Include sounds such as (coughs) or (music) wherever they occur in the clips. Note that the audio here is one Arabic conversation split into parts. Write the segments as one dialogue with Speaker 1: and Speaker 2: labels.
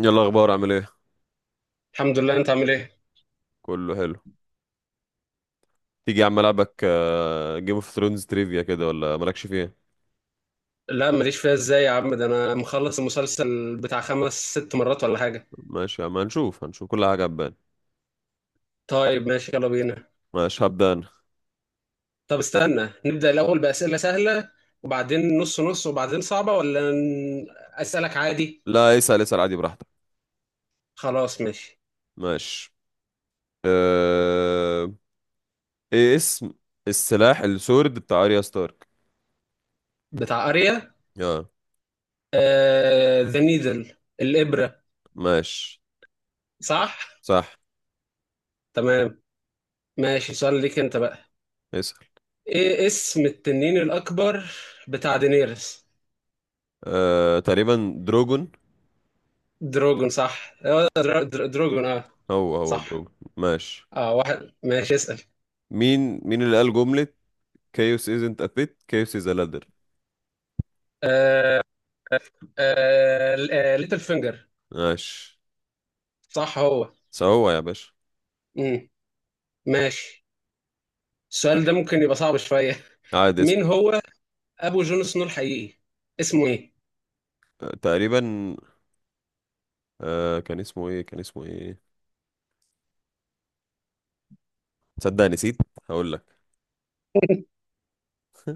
Speaker 1: يلا اخبار، عامل ايه؟
Speaker 2: الحمد لله، انت عامل ايه؟
Speaker 1: كله حلو. تيجي يا عم العبك؟ جيم اوف ثرونز تريفيا كده، ولا مالكش فيه؟
Speaker 2: لا ماليش فيها، ازاي يا عم؟ ده انا مخلص المسلسل بتاع خمس ست مرات ولا حاجه.
Speaker 1: ماشي يا عم، هنشوف كل حاجه هتبان.
Speaker 2: طيب ماشي، يلا بينا.
Speaker 1: ماشي هبدا انا.
Speaker 2: طب استنى نبدا الاول باسئله سهله، وبعدين نص نص، وبعدين صعبه، ولا اسالك عادي؟
Speaker 1: لا اسال، عادي براحتك.
Speaker 2: خلاص ماشي.
Speaker 1: ماشي. أه... ايه اسم السلاح، السورد بتاع اريا ستارك؟
Speaker 2: بتاع اريا،
Speaker 1: اه.
Speaker 2: ذا نيدل، الابره.
Speaker 1: ماشي.
Speaker 2: صح.
Speaker 1: صح.
Speaker 2: تمام. ماشي، سؤال ليك انت بقى.
Speaker 1: اسال.
Speaker 2: ايه اسم التنين الاكبر بتاع دينيرس؟
Speaker 1: تقريبا دروجون.
Speaker 2: دروجون، صح اه، دروجون، اه.
Speaker 1: هو
Speaker 2: صح.
Speaker 1: دروجون، ماشي.
Speaker 2: اه، واحد، ماشي، اسال.
Speaker 1: مين اللي قال جمله chaos isn't a pit chaos is a ladder؟
Speaker 2: آه آه ليتل فينجر.
Speaker 1: ماشي.
Speaker 2: صح هو.
Speaker 1: سوا يا باشا.
Speaker 2: امم ماشي. السؤال ده ممكن يبقى صعب شويه. (laughs)
Speaker 1: عادي
Speaker 2: مين
Speaker 1: اسال.
Speaker 2: هو ابو جون سنو الحقيقي؟ اسمه ايه؟
Speaker 1: تقريبا. آه، كان اسمه ايه؟ تصدق نسيت. هقول لك.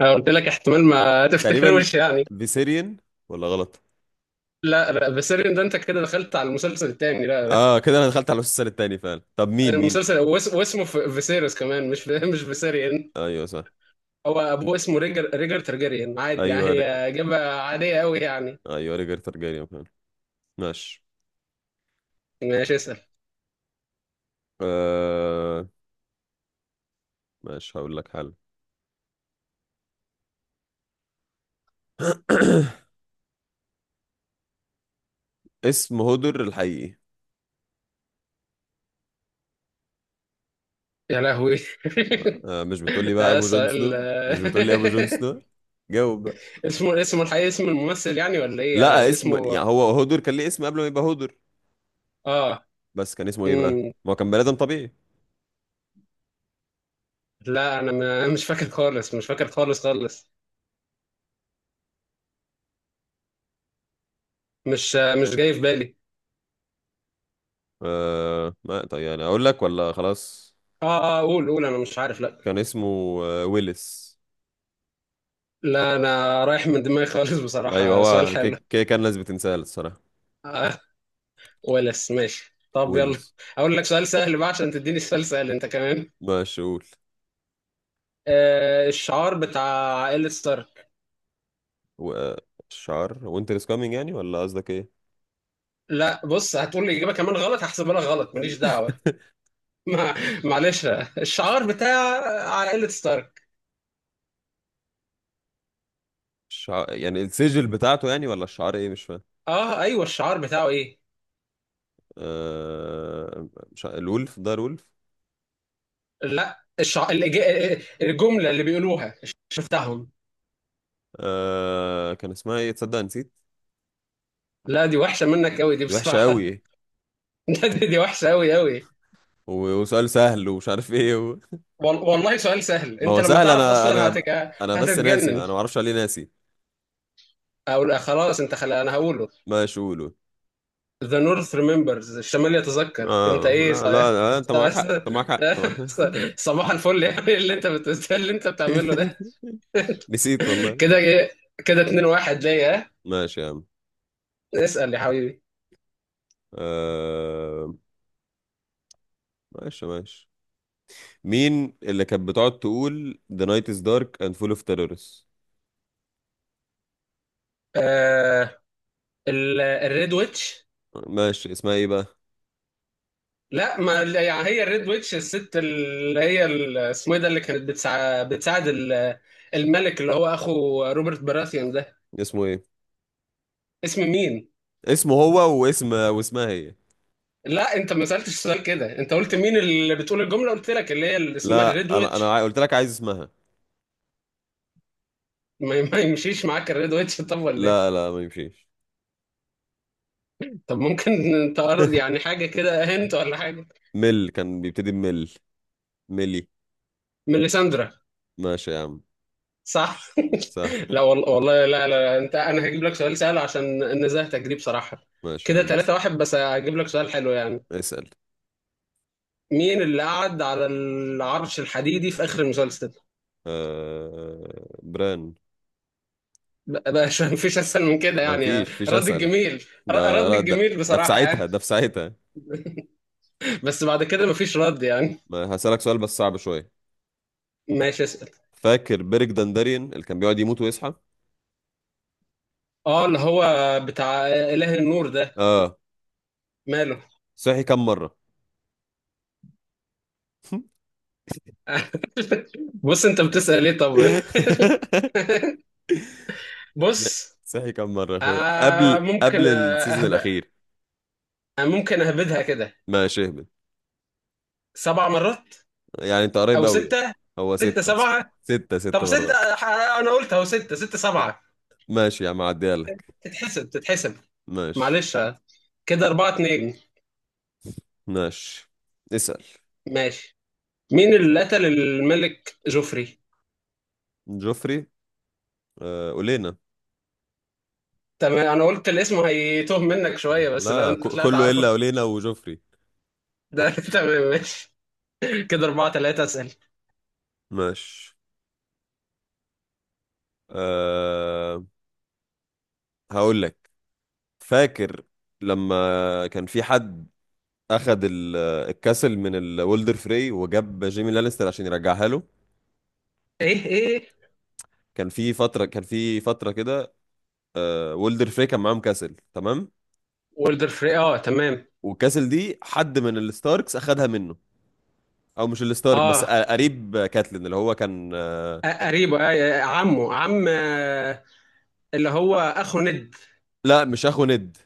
Speaker 2: انا قلت لك احتمال ما
Speaker 1: تقريبا،
Speaker 2: تفتكروش يعني.
Speaker 1: فيسيريان، ولا غلط؟
Speaker 2: لا لا فيسيريون ده، انت كده دخلت على المسلسل التاني، لا لا.
Speaker 1: اه كده انا دخلت على السيزون التاني فعلا. طب مين
Speaker 2: المسلسل واسمه فيسيريوس كمان، مش مش فيسيريون.
Speaker 1: ايوه صح.
Speaker 2: هو ابوه اسمه ريجر ترجريان، عادي يعني،
Speaker 1: ايوه ر...
Speaker 2: هي اجابه عاديه قوي يعني.
Speaker 1: ايوه ريجر تارجاريان فعلا. ماشي.
Speaker 2: ماشي اسال.
Speaker 1: آه. ماشي، هقول لك حل. (coughs) اسم هودر الحقيقي.
Speaker 2: يا لهوي. (laughs)
Speaker 1: آه مش بتقول لي
Speaker 2: (laughs)
Speaker 1: بقى
Speaker 2: آه
Speaker 1: ابو جون
Speaker 2: سؤال
Speaker 1: سنو، مش بتقول لي ابو جون سنو؟ جاوب بقى.
Speaker 2: (laughs) اسمه، اسمه الحقيقي، اسم الممثل يعني ولا ايه
Speaker 1: لا،
Speaker 2: يعني
Speaker 1: اسم
Speaker 2: اسمه؟
Speaker 1: يعني، هو هودر كان ليه اسم قبل ما يبقى هودر،
Speaker 2: اه.
Speaker 1: بس كان اسمه ايه بقى؟
Speaker 2: مم.
Speaker 1: ما هو كان بني ادم طبيعي.
Speaker 2: لا انا مش فاكر خالص، مش فاكر خالص خالص. مش مش جاي في بالي.
Speaker 1: آه ما طيب، يعني اقول لك ولا خلاص؟
Speaker 2: اه اه، قول، انا مش عارف، لا.
Speaker 1: كان اسمه ويلس.
Speaker 2: لا انا رايح من دماغي خالص
Speaker 1: ايوه
Speaker 2: بصراحة، سؤال
Speaker 1: هو
Speaker 2: حلو.
Speaker 1: كده كده كان ناس بتنساه الصراحه.
Speaker 2: آه ولس، ماشي، طب يلا.
Speaker 1: ويلس.
Speaker 2: اقول لك سؤال سهل بقى عشان تديني سؤال سهل انت كمان.
Speaker 1: ماشي، قول.
Speaker 2: آه الشعار بتاع عائلة ستارك.
Speaker 1: و- آه، الشعار وينتر از كامينج يعني، ولا قصدك ايه؟
Speaker 2: لا بص هتقول لي اجابة كمان غلط، هحسبها لك غلط، ماليش دعوة.
Speaker 1: (laughs)
Speaker 2: ما معلش، الشعار بتاع على قلة ستارك.
Speaker 1: الشعار يعني السجل بتاعته، يعني ولا الشعار ايه؟ مش فاهم.
Speaker 2: اه ايوه الشعار بتاعه ايه.
Speaker 1: آه مش ع- الولف، ده الولف.
Speaker 2: لا الجملة اللي بيقولوها بتاعهم.
Speaker 1: آه كان اسمها ايه؟ تصدق نسيت.
Speaker 2: لا دي وحشة منك قوي دي
Speaker 1: دي وحشه قوي
Speaker 2: بصراحة.
Speaker 1: إيه.
Speaker 2: (laughs) لا دي وحشة قوي قوي.
Speaker 1: و- وسؤال سهل ومش عارف، ايه
Speaker 2: والله سؤال سهل،
Speaker 1: ما
Speaker 2: انت
Speaker 1: هو
Speaker 2: لما
Speaker 1: سهل،
Speaker 2: تعرف اصلا
Speaker 1: انا بس ناسي،
Speaker 2: هتتجنن.
Speaker 1: انا ما اعرفش عليه، ناسي.
Speaker 2: اقول خلاص، انت خلي انا هقوله.
Speaker 1: ماشي، قول قول.
Speaker 2: The North remembers، الشمال يتذكر، انت
Speaker 1: اه
Speaker 2: ايه
Speaker 1: لا
Speaker 2: صحيح.
Speaker 1: لا، انت
Speaker 2: (laughs)
Speaker 1: معاك حق، انت معاك حق.
Speaker 2: صباح الفل يعني، اللي اللي انت بتعمله ده.
Speaker 1: (laughs) نسيت والله.
Speaker 2: كده ايه؟ كده 2 1 ليا.
Speaker 1: ماشي يا عم.
Speaker 2: اسأل يا حبيبي.
Speaker 1: آه... ماشي مين اللي كانت بتقعد تقول The night is dark and full of terrorists؟
Speaker 2: آه الريد ويتش.
Speaker 1: ماشي، اسمها ايه بقى؟
Speaker 2: لا ما يعني هي الريد ويتش، الست اللي هي ال- اسمه ايه ده، اللي كانت بتساعد الملك اللي هو اخو روبرت براثيان ده.
Speaker 1: اسمه ايه؟
Speaker 2: اسم مين؟
Speaker 1: اسمه هو، واسم واسمها هي.
Speaker 2: لا انت ما سألتش سؤال كده، انت قلت مين اللي بتقول الجملة، قلت لك اللي هي اللي اسمها
Speaker 1: لا
Speaker 2: الريد ويتش.
Speaker 1: قلت لك عايز اسمها.
Speaker 2: ما يمشيش معاك الريد ويتش؟ (laughs) طب ولا ايه؟
Speaker 1: لا لا، ما يمشيش.
Speaker 2: طب ممكن انت، يعني حاجة كده، هنت ولا حاجة.
Speaker 1: مل، كان بيبتدي بمل. ملي.
Speaker 2: ميليساندرا.
Speaker 1: ماشي يا عم.
Speaker 2: صح.
Speaker 1: سهل.
Speaker 2: لا والله والله لا لا، انت، انا هجيب لك سؤال سهل عشان نزهتك دي بصراحة.
Speaker 1: ماشي يا
Speaker 2: كده
Speaker 1: عم
Speaker 2: 3 واحد، بس هجيب لك سؤال حلو يعني.
Speaker 1: اسأل.
Speaker 2: مين اللي قعد على العرش الحديدي في اخر المسلسل؟
Speaker 1: بران.
Speaker 2: بقى بقى مش (laughs) مفيش اسهل من كده
Speaker 1: ما
Speaker 2: يعني.
Speaker 1: فيش
Speaker 2: رد
Speaker 1: اسأل.
Speaker 2: الجميل.
Speaker 1: ده
Speaker 2: رد
Speaker 1: لا ده
Speaker 2: الجميل
Speaker 1: في
Speaker 2: بصراحة
Speaker 1: ساعتها،
Speaker 2: يعني، بس بعد كده مفيش رد يعني.
Speaker 1: ما هسألك سؤال بس صعب شوية.
Speaker 2: ماشي اسأل.
Speaker 1: فاكر بيرك دنداريان اللي كان بيقعد يموت ويصحى؟
Speaker 2: اه، اللي هو بتاع اله النور ده.
Speaker 1: اه.
Speaker 2: ماله؟
Speaker 1: صحي كم مرة؟
Speaker 2: بص انت بتسأل ليه طب؟
Speaker 1: (laughs)
Speaker 2: بص
Speaker 1: صحي كم مرة يا اخويا،
Speaker 2: آه ممكن
Speaker 1: قبل
Speaker 2: آه،
Speaker 1: السيزون
Speaker 2: أهب...
Speaker 1: الأخير؟
Speaker 2: آه، ممكن اهبدها كده.
Speaker 1: ماشي، اهبط.
Speaker 2: سبع مرات.
Speaker 1: يعني انت قريب
Speaker 2: او
Speaker 1: قوي.
Speaker 2: ستة.
Speaker 1: هو
Speaker 2: ستة
Speaker 1: ستة.
Speaker 2: سبعة.
Speaker 1: ستة، ست
Speaker 2: طب
Speaker 1: مرات.
Speaker 2: ستة انا قلت اهو، ستة، ستة سبعة.
Speaker 1: ماشي يا عم، عديها لك.
Speaker 2: تتحسب، تتحسب.
Speaker 1: ماشي.
Speaker 2: معلش. كده أربعة اتنين.
Speaker 1: ماشي، اسأل.
Speaker 2: ماشي. مين اللي قتل الملك جوفري؟
Speaker 1: جوفري. أولينا.
Speaker 2: تمام، أنا قلت الاسم هيتوه منك شوية بس لا
Speaker 1: لا
Speaker 2: أنت طلعت
Speaker 1: كله
Speaker 2: عارفه.
Speaker 1: إلا أولينا وجوفري.
Speaker 2: ده (laughs) تمام ماشي. كده أربعة تلاتة، أسأل.
Speaker 1: ماشي. آه، هقول لك. فاكر لما كان في حد اخذ الكاسل من الولدر فري، وجاب جيمي لانستر عشان يرجعها له؟
Speaker 2: إيه إيه.
Speaker 1: كان في فتره كده. آه، وولدر فري كان معاهم كاسل، تمام.
Speaker 2: وولدر فري آه تمام.
Speaker 1: والكاسل دي حد من الستاركس اخذها منه. او مش الستارك، بس
Speaker 2: آه
Speaker 1: قريب كاتلين، اللي هو كان
Speaker 2: قريبه آه عمه عم اللي هو أخو ند.
Speaker 1: لا مش اخو ند.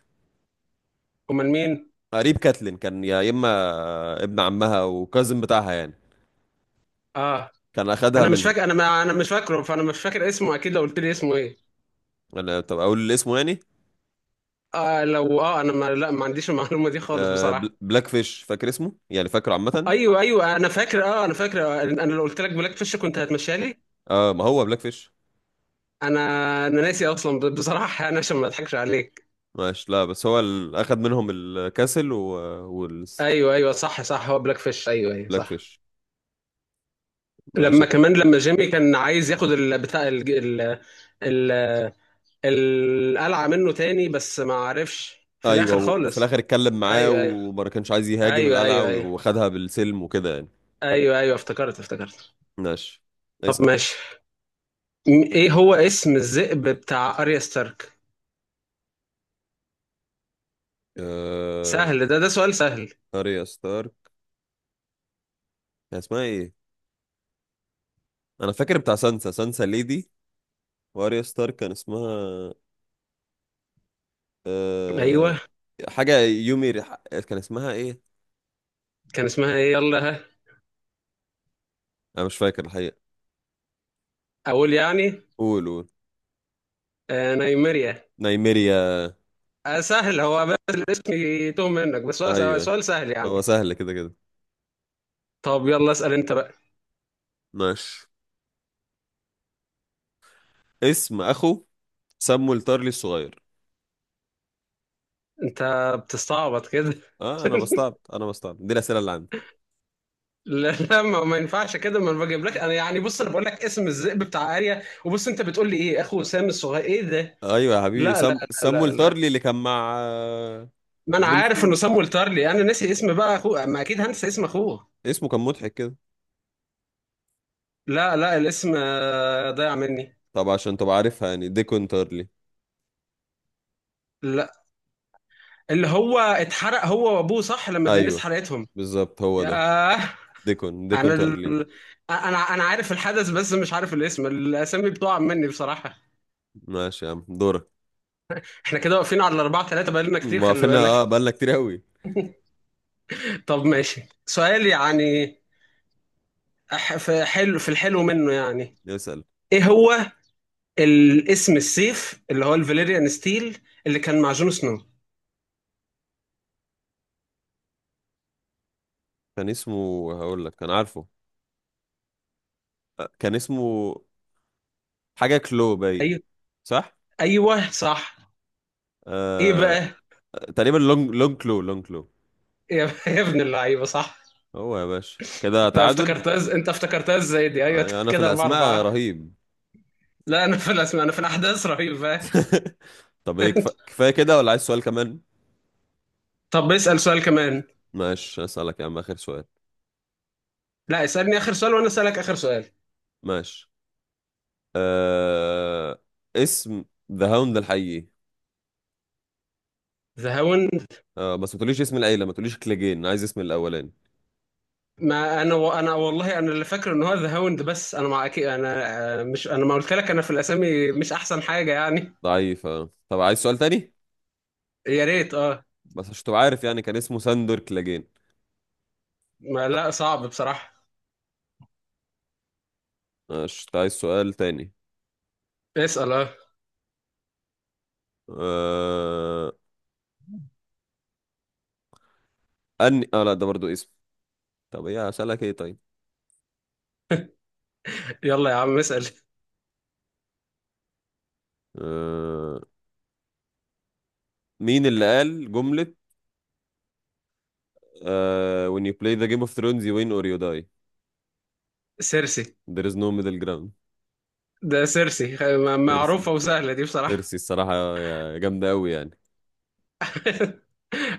Speaker 2: أمال مين؟
Speaker 1: قريب كاتلين، كان يا اما ابن عمها او كازن بتاعها يعني.
Speaker 2: آه
Speaker 1: كان اخذها
Speaker 2: انا مش
Speaker 1: منه.
Speaker 2: فاكر، انا ما انا مش فاكره، فانا مش فاكر اسمه اكيد لو قلت لي اسمه ايه.
Speaker 1: انا طب اقول اسمه يعني؟
Speaker 2: آه لو اه، انا ما لا ما عنديش المعلومه دي خالص بصراحه.
Speaker 1: بلاك فيش، فاكر اسمه يعني، فاكره عامه.
Speaker 2: ايوه ايوه انا فاكر، اه انا فاكر انا لو قلت لك بلاك فيش كنت هتمشيها لي.
Speaker 1: اه ما هو بلاك فيش.
Speaker 2: انا انا ناسي اصلا بصراحه انا، عشان ما اضحكش عليك.
Speaker 1: ماشي. لا بس هو اخد منهم الكاسل والبلاك
Speaker 2: ايوه ايوه صح صح، هو بلاك فيش، ايوه ايوه صح.
Speaker 1: فيش. ماشي.
Speaker 2: لما كمان لما جيمي كان عايز ياخد ال- بتاع ال ال ال- القلعه منه تاني، بس ما عرفش في
Speaker 1: ايوه،
Speaker 2: الاخر
Speaker 1: وفي
Speaker 2: خالص.
Speaker 1: الاخر اتكلم معاه
Speaker 2: ايوه ايوه
Speaker 1: وما كانش عايز يهاجم
Speaker 2: ايوه
Speaker 1: القلعه،
Speaker 2: ايوه ايوه
Speaker 1: وخدها بالسلم وكده يعني.
Speaker 2: ايوه ايوه، افتكرت افتكرت.
Speaker 1: ماشي.
Speaker 2: طب
Speaker 1: نايس.
Speaker 2: ماشي، ايه هو اسم الذئب بتاع اريا ستارك؟
Speaker 1: آه...
Speaker 2: سهل ده، ده سؤال سهل.
Speaker 1: اريا ستار، كان اسمها ايه؟ انا فاكر بتاع سانسا، ليدي. واريا ستار كان اسمها آه...
Speaker 2: ايوه.
Speaker 1: حاجه كان اسمها ايه؟
Speaker 2: كان اسمها ايه، يلا ها.
Speaker 1: انا مش فاكر الحقيقه.
Speaker 2: اقول يعني؟
Speaker 1: قول
Speaker 2: آه نايميريا.
Speaker 1: نايميريا.
Speaker 2: آه سهل، هو بس الاسم يتوه منك، بس هو
Speaker 1: ايوه.
Speaker 2: سؤال سهل
Speaker 1: هو
Speaker 2: يعني.
Speaker 1: سهل كده كده.
Speaker 2: طب يلا اسأل انت بقى.
Speaker 1: ماشي. اسم اخو سمو الطرلي الصغير.
Speaker 2: انت بتستعبط كده؟
Speaker 1: اه انا
Speaker 2: (laughs)
Speaker 1: بستعب، دي الاسئله اللي عندي.
Speaker 2: لا لا ما ينفعش كده، ما انا بجيب لك انا يعني، بص انا بقول لك اسم الذئب بتاع اريا، وبص انت بتقول لي ايه اخو سام الصغير، ايه ده؟
Speaker 1: ايوه يا حبيبي،
Speaker 2: لا لا لا
Speaker 1: سمو
Speaker 2: لا لا
Speaker 1: الطرلي اللي كان مع
Speaker 2: ما انا
Speaker 1: جون
Speaker 2: عارف انه
Speaker 1: سنو.
Speaker 2: سام والتارلي، انا ناسي اسم بقى اخوه، ما اكيد هنسى اسم اخوه.
Speaker 1: اسمه كان مضحك كده.
Speaker 2: لا لا الاسم ضايع مني.
Speaker 1: طب عشان تبقى عارفها، يعني ديكون تارلي.
Speaker 2: لا اللي هو اتحرق هو وابوه صح، لما الناس
Speaker 1: ايوه
Speaker 2: حرقتهم.
Speaker 1: بالظبط، هو ده.
Speaker 2: ياه.
Speaker 1: ديكون،
Speaker 2: انا
Speaker 1: تارلي.
Speaker 2: انا عارف الحدث بس مش عارف الاسم، الاسامي بتقع مني بصراحة.
Speaker 1: ماشي يا عم، دورك.
Speaker 2: احنا كده واقفين على الاربعة ثلاثة، بقالنا كتير،
Speaker 1: ما
Speaker 2: خلي
Speaker 1: قفلنا
Speaker 2: بالك.
Speaker 1: اه، بقالنا كتير قوي.
Speaker 2: (laughs) طب ماشي سؤال يعني. في حلو، في الحلو منه يعني.
Speaker 1: نسأل.
Speaker 2: ايه هو الاسم، السيف اللي هو الفاليريان ستيل اللي كان مع جون سنو؟
Speaker 1: كان اسمه، هقول لك، كان عارفه. آه، كان اسمه حاجه كلو باين.
Speaker 2: ايوه
Speaker 1: صح.
Speaker 2: ايوه صح. ايه
Speaker 1: آه...
Speaker 2: بقى؟
Speaker 1: تقريبا لونج كلو.
Speaker 2: يا (laughs) يا ابن اللعيبة، صح.
Speaker 1: هو يا باشا كده
Speaker 2: انت
Speaker 1: تعادل.
Speaker 2: افتكرتها انت افتكرتها ازاي دي؟ ايوه
Speaker 1: آه،
Speaker 2: (laughs)
Speaker 1: انا في
Speaker 2: كده اربعة
Speaker 1: الاسماء
Speaker 2: اربعة.
Speaker 1: رهيب.
Speaker 2: لا انا في الاسماء، انا في الاحداث رهيب، فاهم.
Speaker 1: (laughs) طب ايه، كفايه كده ولا عايز سؤال كمان؟
Speaker 2: طب اسال سؤال كمان.
Speaker 1: ماشي، اسالك يا عم اخر سؤال.
Speaker 2: لا اسالني اخر سؤال وانا اسالك اخر سؤال.
Speaker 1: ماشي. آه... اسم ذا هاوند الحقيقي.
Speaker 2: ذا هاوند.
Speaker 1: آه بس ما تقوليش اسم العيله، ما تقوليش كليجين، أنا عايز اسم الاولاني.
Speaker 2: ما انا والله، انا اللي فاكر ان هو ذا هاوند، بس انا مع اكيد انا مش، انا ما قلت لك انا في الاسامي مش احسن حاجه يعني.
Speaker 1: ضعيف آه. طب عايز سؤال تاني؟
Speaker 2: يا ريت اه.
Speaker 1: بس عشان تبقى عارف، يعني كان اسمه ساندور كليجين.
Speaker 2: ما لا صعب بصراحه.
Speaker 1: ماشي. أنت عايز سؤال تاني؟
Speaker 2: اسال اه.
Speaker 1: آه... أني... اه لا ده برضو اسم. طب ايه اسالك، ايه طيب؟
Speaker 2: يلا يا عم اسال.
Speaker 1: آه... مين اللي قال جمله when you play the Game of Thrones, you win or you die.
Speaker 2: سيرسي.
Speaker 1: There is no middle ground؟
Speaker 2: ده سيرسي،
Speaker 1: تيرسي.
Speaker 2: معروفه وسهله دي بصراحه.
Speaker 1: تيرسي الصراحة. يا، جامدة أوي يعني.
Speaker 2: (laughs)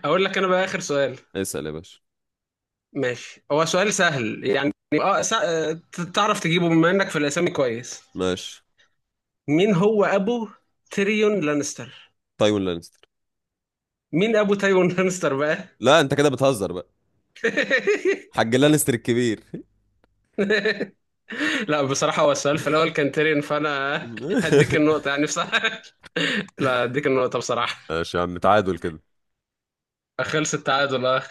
Speaker 2: اقول لك انا بقى اخر سؤال.
Speaker 1: اسأل يا باشا.
Speaker 2: ماشي، هو سؤال سهل يعني. اه تعرف تجيبه بما انك في الاسامي كويس.
Speaker 1: ماشي.
Speaker 2: مين هو ابو تيريون لانستر؟
Speaker 1: تايوين لانستر.
Speaker 2: مين ابو تيريون لانستر بقى؟
Speaker 1: لا أنت كده بتهزر بقى. حاج
Speaker 2: (laughs)
Speaker 1: لانستر الكبير.
Speaker 2: لا بصراحة هو السؤال في الاول كان تيريون، فانا (laughs) هديك
Speaker 1: (laughs)
Speaker 2: النقطة يعني بصراحة. (laughs) لا هديك النقطة بصراحة.
Speaker 1: ماشي يا عم، تعادل كده.
Speaker 2: خلص التعادل اه.